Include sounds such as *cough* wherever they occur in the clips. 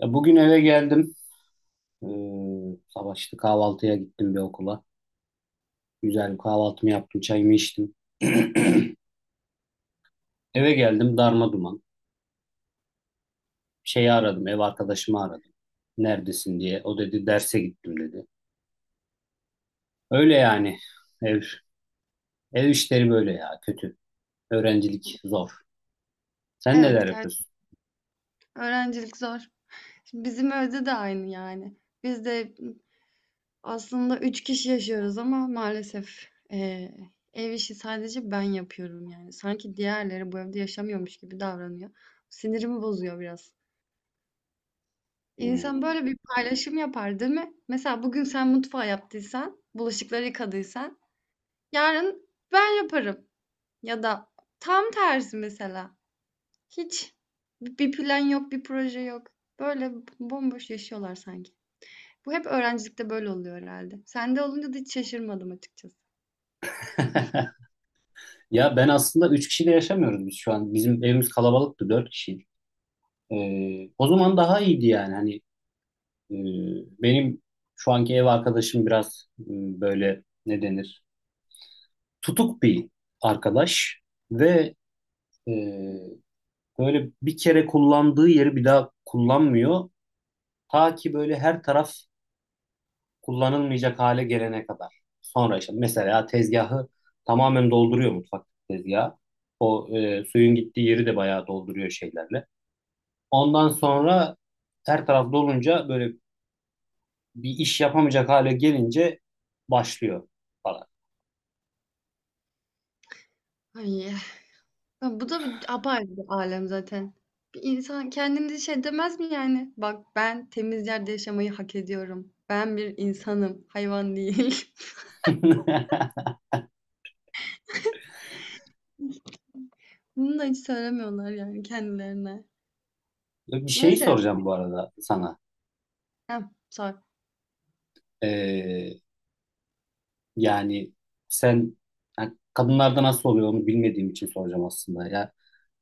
Ya bugün eve geldim. Ee, sabah işte kahvaltıya gittim bir okula. Güzel bir kahvaltımı yaptım, çayımı içtim. *clears throat* Eve geldim darma duman. Şeyi aradım, ev arkadaşımı aradım. Neredesin diye. O dedi derse gittim dedi. Öyle yani. Ev, ev işleri böyle ya kötü. Öğrencilik zor. Sen neler Evet, yapıyorsun? öğrencilik zor. Şimdi bizim evde de aynı yani. Biz de aslında 3 kişi yaşıyoruz ama maalesef ev işi sadece ben yapıyorum yani. Sanki diğerleri bu evde yaşamıyormuş gibi davranıyor. Sinirimi bozuyor biraz. İnsan Hmm. böyle bir paylaşım yapar, değil mi? Mesela bugün sen mutfağı yaptıysan, bulaşıkları yıkadıysan, yarın ben yaparım. Ya da tam tersi mesela. Hiç bir plan yok, bir proje yok. Böyle bomboş yaşıyorlar sanki. Bu hep öğrencilikte böyle oluyor herhâlde. Sende olunca da hiç şaşırmadım açıkçası. *laughs* Ya ben aslında 3 kişiyle yaşamıyoruz biz şu an. Bizim evimiz kalabalıktı 4 kişiydik. O zaman daha iyiydi yani. Hani. Ee, Benim şu anki ev arkadaşım biraz böyle ne denir? Tutuk bir arkadaş ve e, böyle bir kere kullandığı yeri bir daha kullanmıyor. Ta ki böyle her taraf kullanılmayacak hale gelene kadar. Sonra işte mesela tezgahı tamamen dolduruyor mutfak tezgahı. O suyun gittiği yeri de bayağı dolduruyor şeylerle. Ondan sonra her taraf dolunca böyle bir iş yapamayacak hale gelince başlıyor falan. Ay, ya bu da bir apayrı bir alem zaten. Bir insan kendine şey demez mi yani? Bak ben temiz yerde yaşamayı hak ediyorum. Ben bir insanım, hayvan değil. *laughs* *laughs* Bunu da hiç söylemiyorlar yani kendilerine. Bir şey Neyse. soracağım bu arada sana. Heh, sor. Ee, yani sen yani kadınlarda nasıl oluyor onu bilmediğim için soracağım aslında. Ya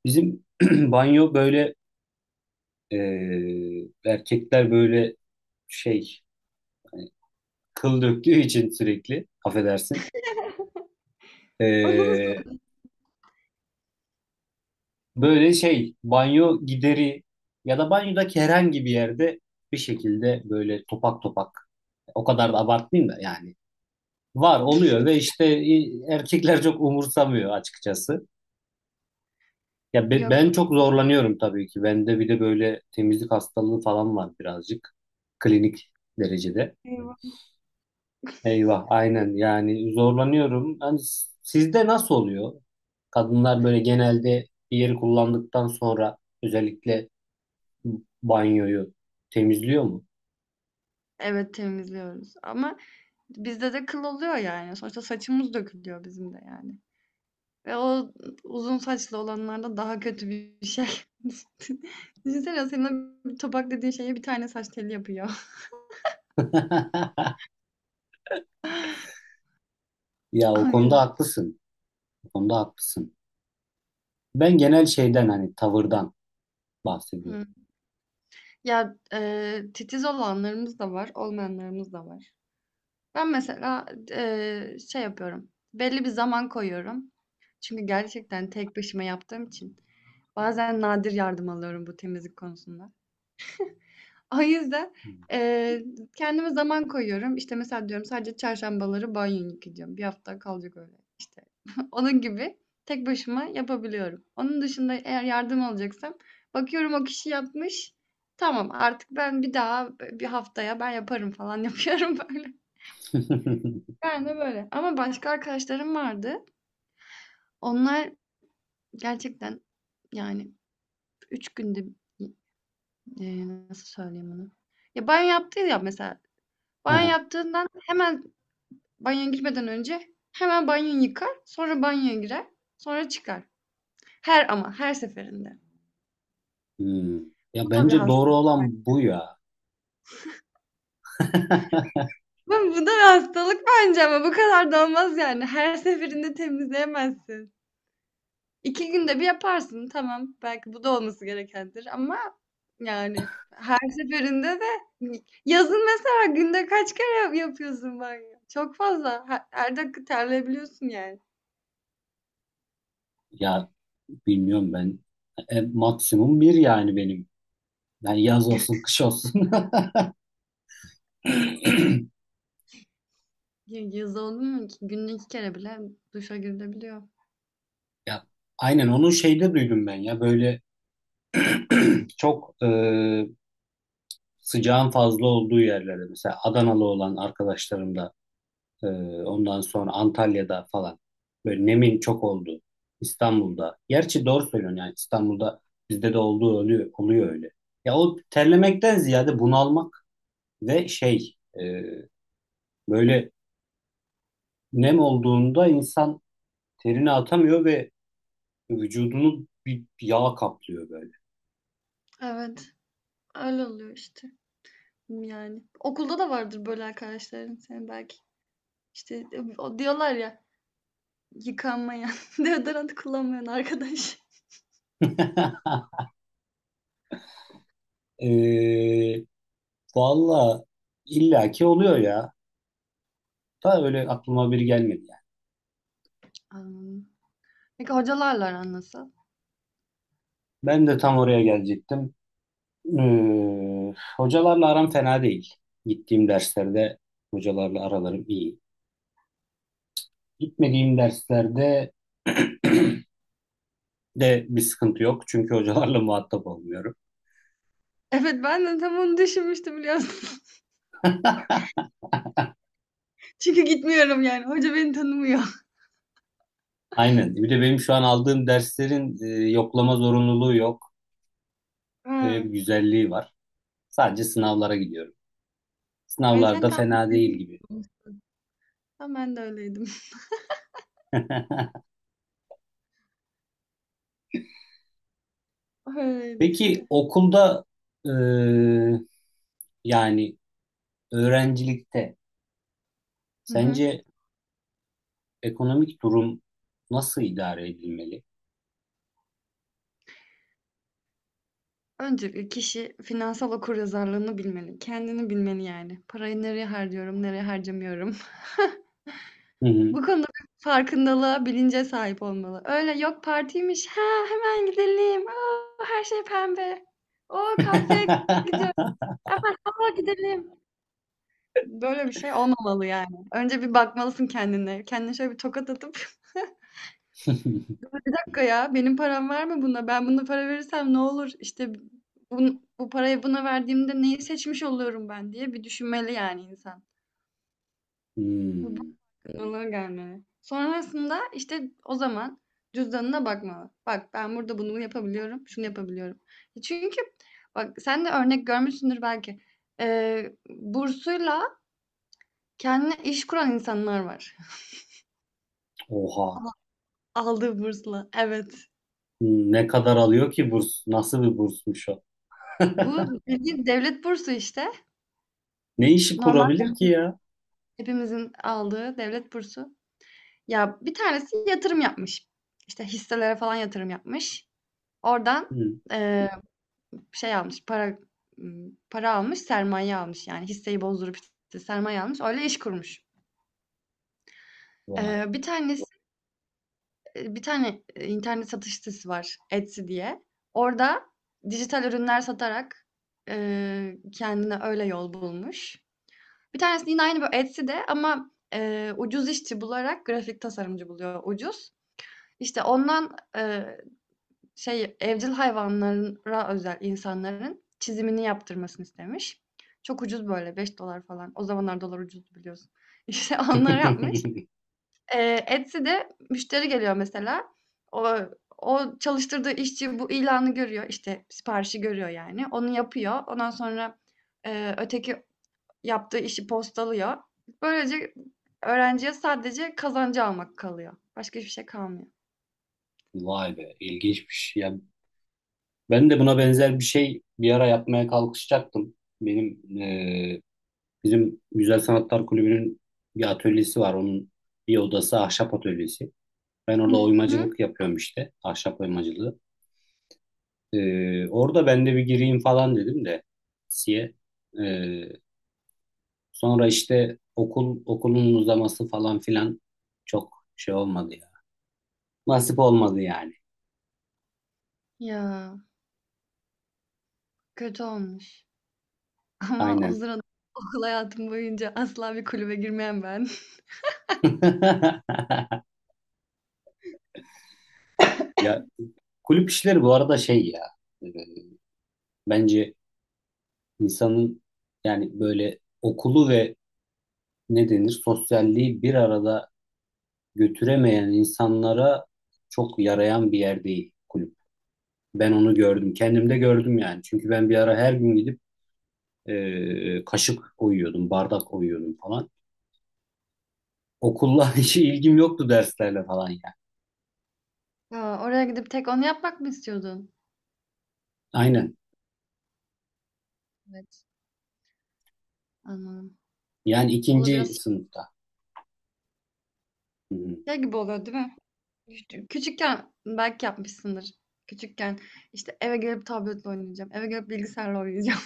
bizim *clears throat* banyo böyle erkekler böyle şey hani kıl döktüğü için sürekli affedersin. Anımız Ee, böyle şey banyo gideri ya da banyodaki herhangi bir yerde bir şekilde böyle topak topak, o kadar da abartmayayım da yani, var oluyor ve işte erkekler çok umursamıyor açıkçası. Ya yok. ben çok zorlanıyorum tabii ki. Bende bir de böyle temizlik hastalığı falan var birazcık. Klinik derecede. bu- Eyvah aynen yani zorlanıyorum. Hani sizde nasıl oluyor? Kadınlar böyle genelde bir yeri kullandıktan sonra özellikle banyoyu temizliyor mu? Evet, temizliyoruz ama bizde de kıl oluyor yani. Sonuçta saçımız dökülüyor bizim de yani. Ve o uzun saçlı olanlarda daha kötü bir şey. *laughs* Düşünsene, senin bir topak dediğin şeye bir tane saç teli yapıyor. *laughs* Ya *laughs* o O konuda yüzden. haklısın. O konuda haklısın. Ben genel şeyden hani tavırdan bahsediyorum. Hı. Ya titiz olanlarımız da var, olmayanlarımız da var. Ben mesela şey yapıyorum. Belli bir zaman koyuyorum. Çünkü gerçekten tek başıma yaptığım için. Bazen nadir yardım alıyorum bu temizlik konusunda. O yüzden eee, kendime zaman koyuyorum. İşte, mesela diyorum sadece çarşambaları banyo yıkayacağım, bir hafta kalacak öyle, işte. *laughs* Onun gibi tek başıma yapabiliyorum. Onun dışında eğer yardım alacaksam bakıyorum, o kişi yapmış. Tamam, artık ben bir daha, bir haftaya ben yaparım falan *laughs* yapıyorum böyle. *laughs* Ben de böyle. Ama başka arkadaşlarım vardı. Onlar gerçekten, yani, 3 günde, nasıl söyleyeyim onu? Ya, banyo yaptı ya mesela, banyo Aha. yaptığından hemen banyoya girmeden önce hemen banyoyu yıkar, sonra banyoya girer, sonra çıkar. Her ama her seferinde. Hmm. Ya Bu da bir bence doğru hastalık. olan bu ya. *laughs* Bu da bir hastalık bence ama bu kadar da olmaz yani. Her seferinde temizleyemezsin. 2 günde bir yaparsın, tamam. Belki bu da olması gerekendir ama yani her seferinde de yazın mesela günde kaç kere yapıyorsun banyo? Çok fazla. Her dakika terleyebiliyorsun yani. Ya bilmiyorum ben. Maksimum bir yani benim. Yani yaz olsun, kış olsun. *laughs* Yaz oldu mu ki günde 2 kere bile duşa girilebiliyor. Ya aynen onu şeyde duydum ben ya. Böyle çok sıcağın fazla olduğu yerlerde mesela Adanalı olan arkadaşlarım da e, ondan sonra Antalya'da falan böyle nemin çok oldu. İstanbul'da. Gerçi doğru söylüyorsun yani İstanbul'da bizde de olduğu oluyor, oluyor öyle. Ya o terlemekten ziyade bunalmak ve şey e, böyle nem olduğunda insan terini atamıyor ve vücudunu bir yağ kaplıyor böyle. Evet. Öyle oluyor işte. Yani. Okulda da vardır böyle arkadaşların senin belki. İşte, o diyorlar ya, yıkanmayan, *laughs* deodorant kullanmayan arkadaş. E, valla illaki oluyor ya. Da öyle aklıma biri gelmedi yani. Anladım. Peki hocalarla aran nasıl? Ben de tam oraya gelecektim. Hocalarla aram fena değil. Gittiğim derslerde hocalarla aralarım iyi. Gitmediğim derslerde *clears throat* de bir sıkıntı yok. Çünkü hocalarla muhatap olmuyorum. Evet, ben de tam onu düşünmüştüm, biliyorsun. *laughs* Çünkü gitmiyorum yani. Hoca beni tanımıyor. *laughs* Aynen. Bir de benim şu an aldığım derslerin yoklama zorunluluğu yok. Öyle Ha. bir güzelliği var. Sadece sınavlara gidiyorum. Yani sen Sınavlarda tam fena değil gibi. *laughs* tam ben de öyleydim. *laughs* *laughs* Öyleydi Peki işte. okulda e, yani öğrencilikte Hı hı. sence ekonomik durum nasıl idare edilmeli? Öncelikle kişi finansal okuryazarlığını bilmeli. Kendini bilmeli yani. Parayı nereye harcıyorum, nereye harcamıyorum. Hı hı. Bu konuda bir farkındalığa, bilince sahip olmalı. Öyle "Yok, partiymiş. Ha, hemen gidelim. O, her şey pembe. O, kahveye gidiyoruz. *laughs* Hemen, a, gidelim." Böyle bir şey olmamalı yani. Önce bir bakmalısın kendine. Kendine şöyle bir tokat atıp *laughs* "Bir dakika ya, benim param var mı buna? Ben buna para verirsem ne olur? İşte bu parayı buna verdiğimde neyi seçmiş oluyorum ben?" diye bir düşünmeli yani insan. Hmm, Onlara gelmeli. Sonrasında işte o zaman cüzdanına bakmalı. Bak, ben burada bunu yapabiliyorum, şunu yapabiliyorum. Çünkü bak, sen de örnek görmüşsündür belki. Bursuyla kendine iş kuran insanlar var. oha. *laughs* Aldığı bursla. Evet. Hmm, ne kadar alıyor ki burs? Nasıl bir bursmuş o? Bu bildiğin devlet bursu işte. Ne işi Normal kurabilir ki ya? hepimizin aldığı devlet bursu. Ya bir tanesi yatırım yapmış. İşte hisselere falan yatırım yapmış. Oradan Hmm, ee, şey almış, para almış, sermaye almış. Yani hisseyi bozdurup işte sermaye almış, öyle iş kurmuş. vay. Bir tanesi, bir tane, internet satış sitesi var, Etsy diye. Orada dijital ürünler satarak kendine öyle yol bulmuş. Bir tanesi yine aynı böyle Etsy'de ama ucuz işçi bularak grafik tasarımcı buluyor ucuz. İşte ondan, şey, evcil hayvanlara özel insanların çizimini yaptırmasını istemiş. Çok ucuz, böyle 5 dolar falan. O zamanlar dolar ucuzdu, biliyorsun. *laughs* İşte onları yapmış. *laughs* Etsy'de müşteri geliyor mesela. O o çalıştırdığı işçi bu ilanı görüyor, işte, siparişi görüyor yani. Onu yapıyor. Ondan sonra öteki yaptığı işi postalıyor. Böylece öğrenciye sadece kazancı almak kalıyor. Başka hiçbir şey kalmıyor. Vay be, ilginçmiş. Ya ben de buna benzer bir şey bir ara yapmaya kalkışacaktım. Benim bizim Güzel Sanatlar Kulübü'nün bir atölyesi var. Onun bir odası ahşap atölyesi. Ben Hı orada hı. oymacılık yapıyorum işte, ahşap oymacılığı. Orada ben de bir gireyim falan dedim de siye. E, sonra işte okulun uzaması falan filan çok şey olmadı ya. Nasip olmadı yani. Ya, kötü olmuş. Ama o Aynen. sırada okul hayatım boyunca asla bir kulübe girmeyen ben. *laughs* *laughs* Ya kulüp işleri bu arada şey ya e, bence insanın yani böyle okulu ve ne denir sosyalliği bir arada götüremeyen insanlara çok yarayan bir yer değil kulüp. Ben onu gördüm. Kendimde gördüm yani. Çünkü ben bir ara her gün gidip kaşık koyuyordum, bardak koyuyordum falan. Okulla *laughs* hiç ilgim yoktu derslerle falan yani. Ya, oraya gidip tek onu yapmak mı istiyordun? Aynen. Evet. Anladım. Yani O da ikinci biraz sınıfta. Hı hı. şey gibi oluyor, değil mi? Küçükken belki yapmışsındır. Küçükken işte, eve gelip tabletle oynayacağım. Eve gelip bilgisayarla oynayacağım.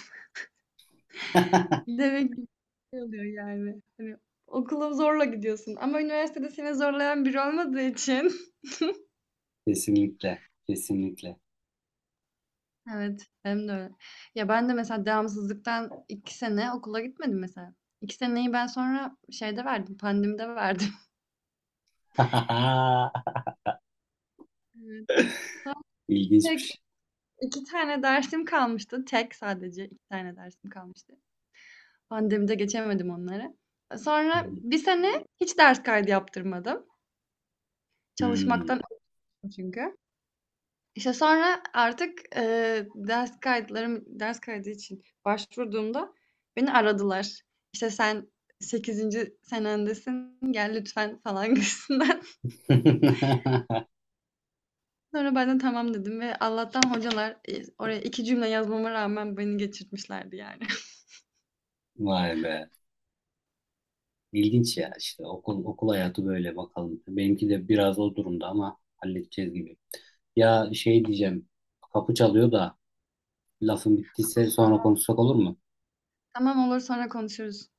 *laughs* Demek ki şey oluyor yani. Hani okula zorla gidiyorsun. Ama üniversitede seni zorlayan biri olmadığı için. *laughs* Kesinlikle. Kesinlikle. Evet, benim de öyle. Ya ben de mesela devamsızlıktan 2 sene okula gitmedim mesela. 2 seneyi ben sonra şeyde verdim, pandemide verdim. *laughs* *laughs* Evet. Sonra tek İlginçmiş. 2 tane dersim kalmıştı. Tek sadece 2 tane dersim kalmıştı. Pandemide geçemedim onları. Sonra 1 sene hiç ders kaydı yaptırmadım. Çalışmaktan Hmm. öldüm çünkü. İşte, sonra artık ders kayıtlarım ders kaydı için başvurduğumda beni aradılar. İşte, "Sen sekizinci senendesin, gel lütfen." falan gibisinden. *laughs* *laughs* Sonra ben de "Tamam." dedim ve Allah'tan hocalar oraya 2 cümle yazmama rağmen beni geçirtmişlerdi yani. *laughs* Vay be. İlginç ya işte okul hayatı böyle bakalım. Benimki de biraz o durumda ama halledeceğiz gibi. Ya şey diyeceğim. Kapı çalıyor da lafın bittiyse sonra "Tamam, konuşsak olur mu? tamam olur, sonra konuşuruz.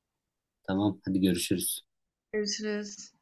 Tamam, hadi görüşürüz. Görüşürüz."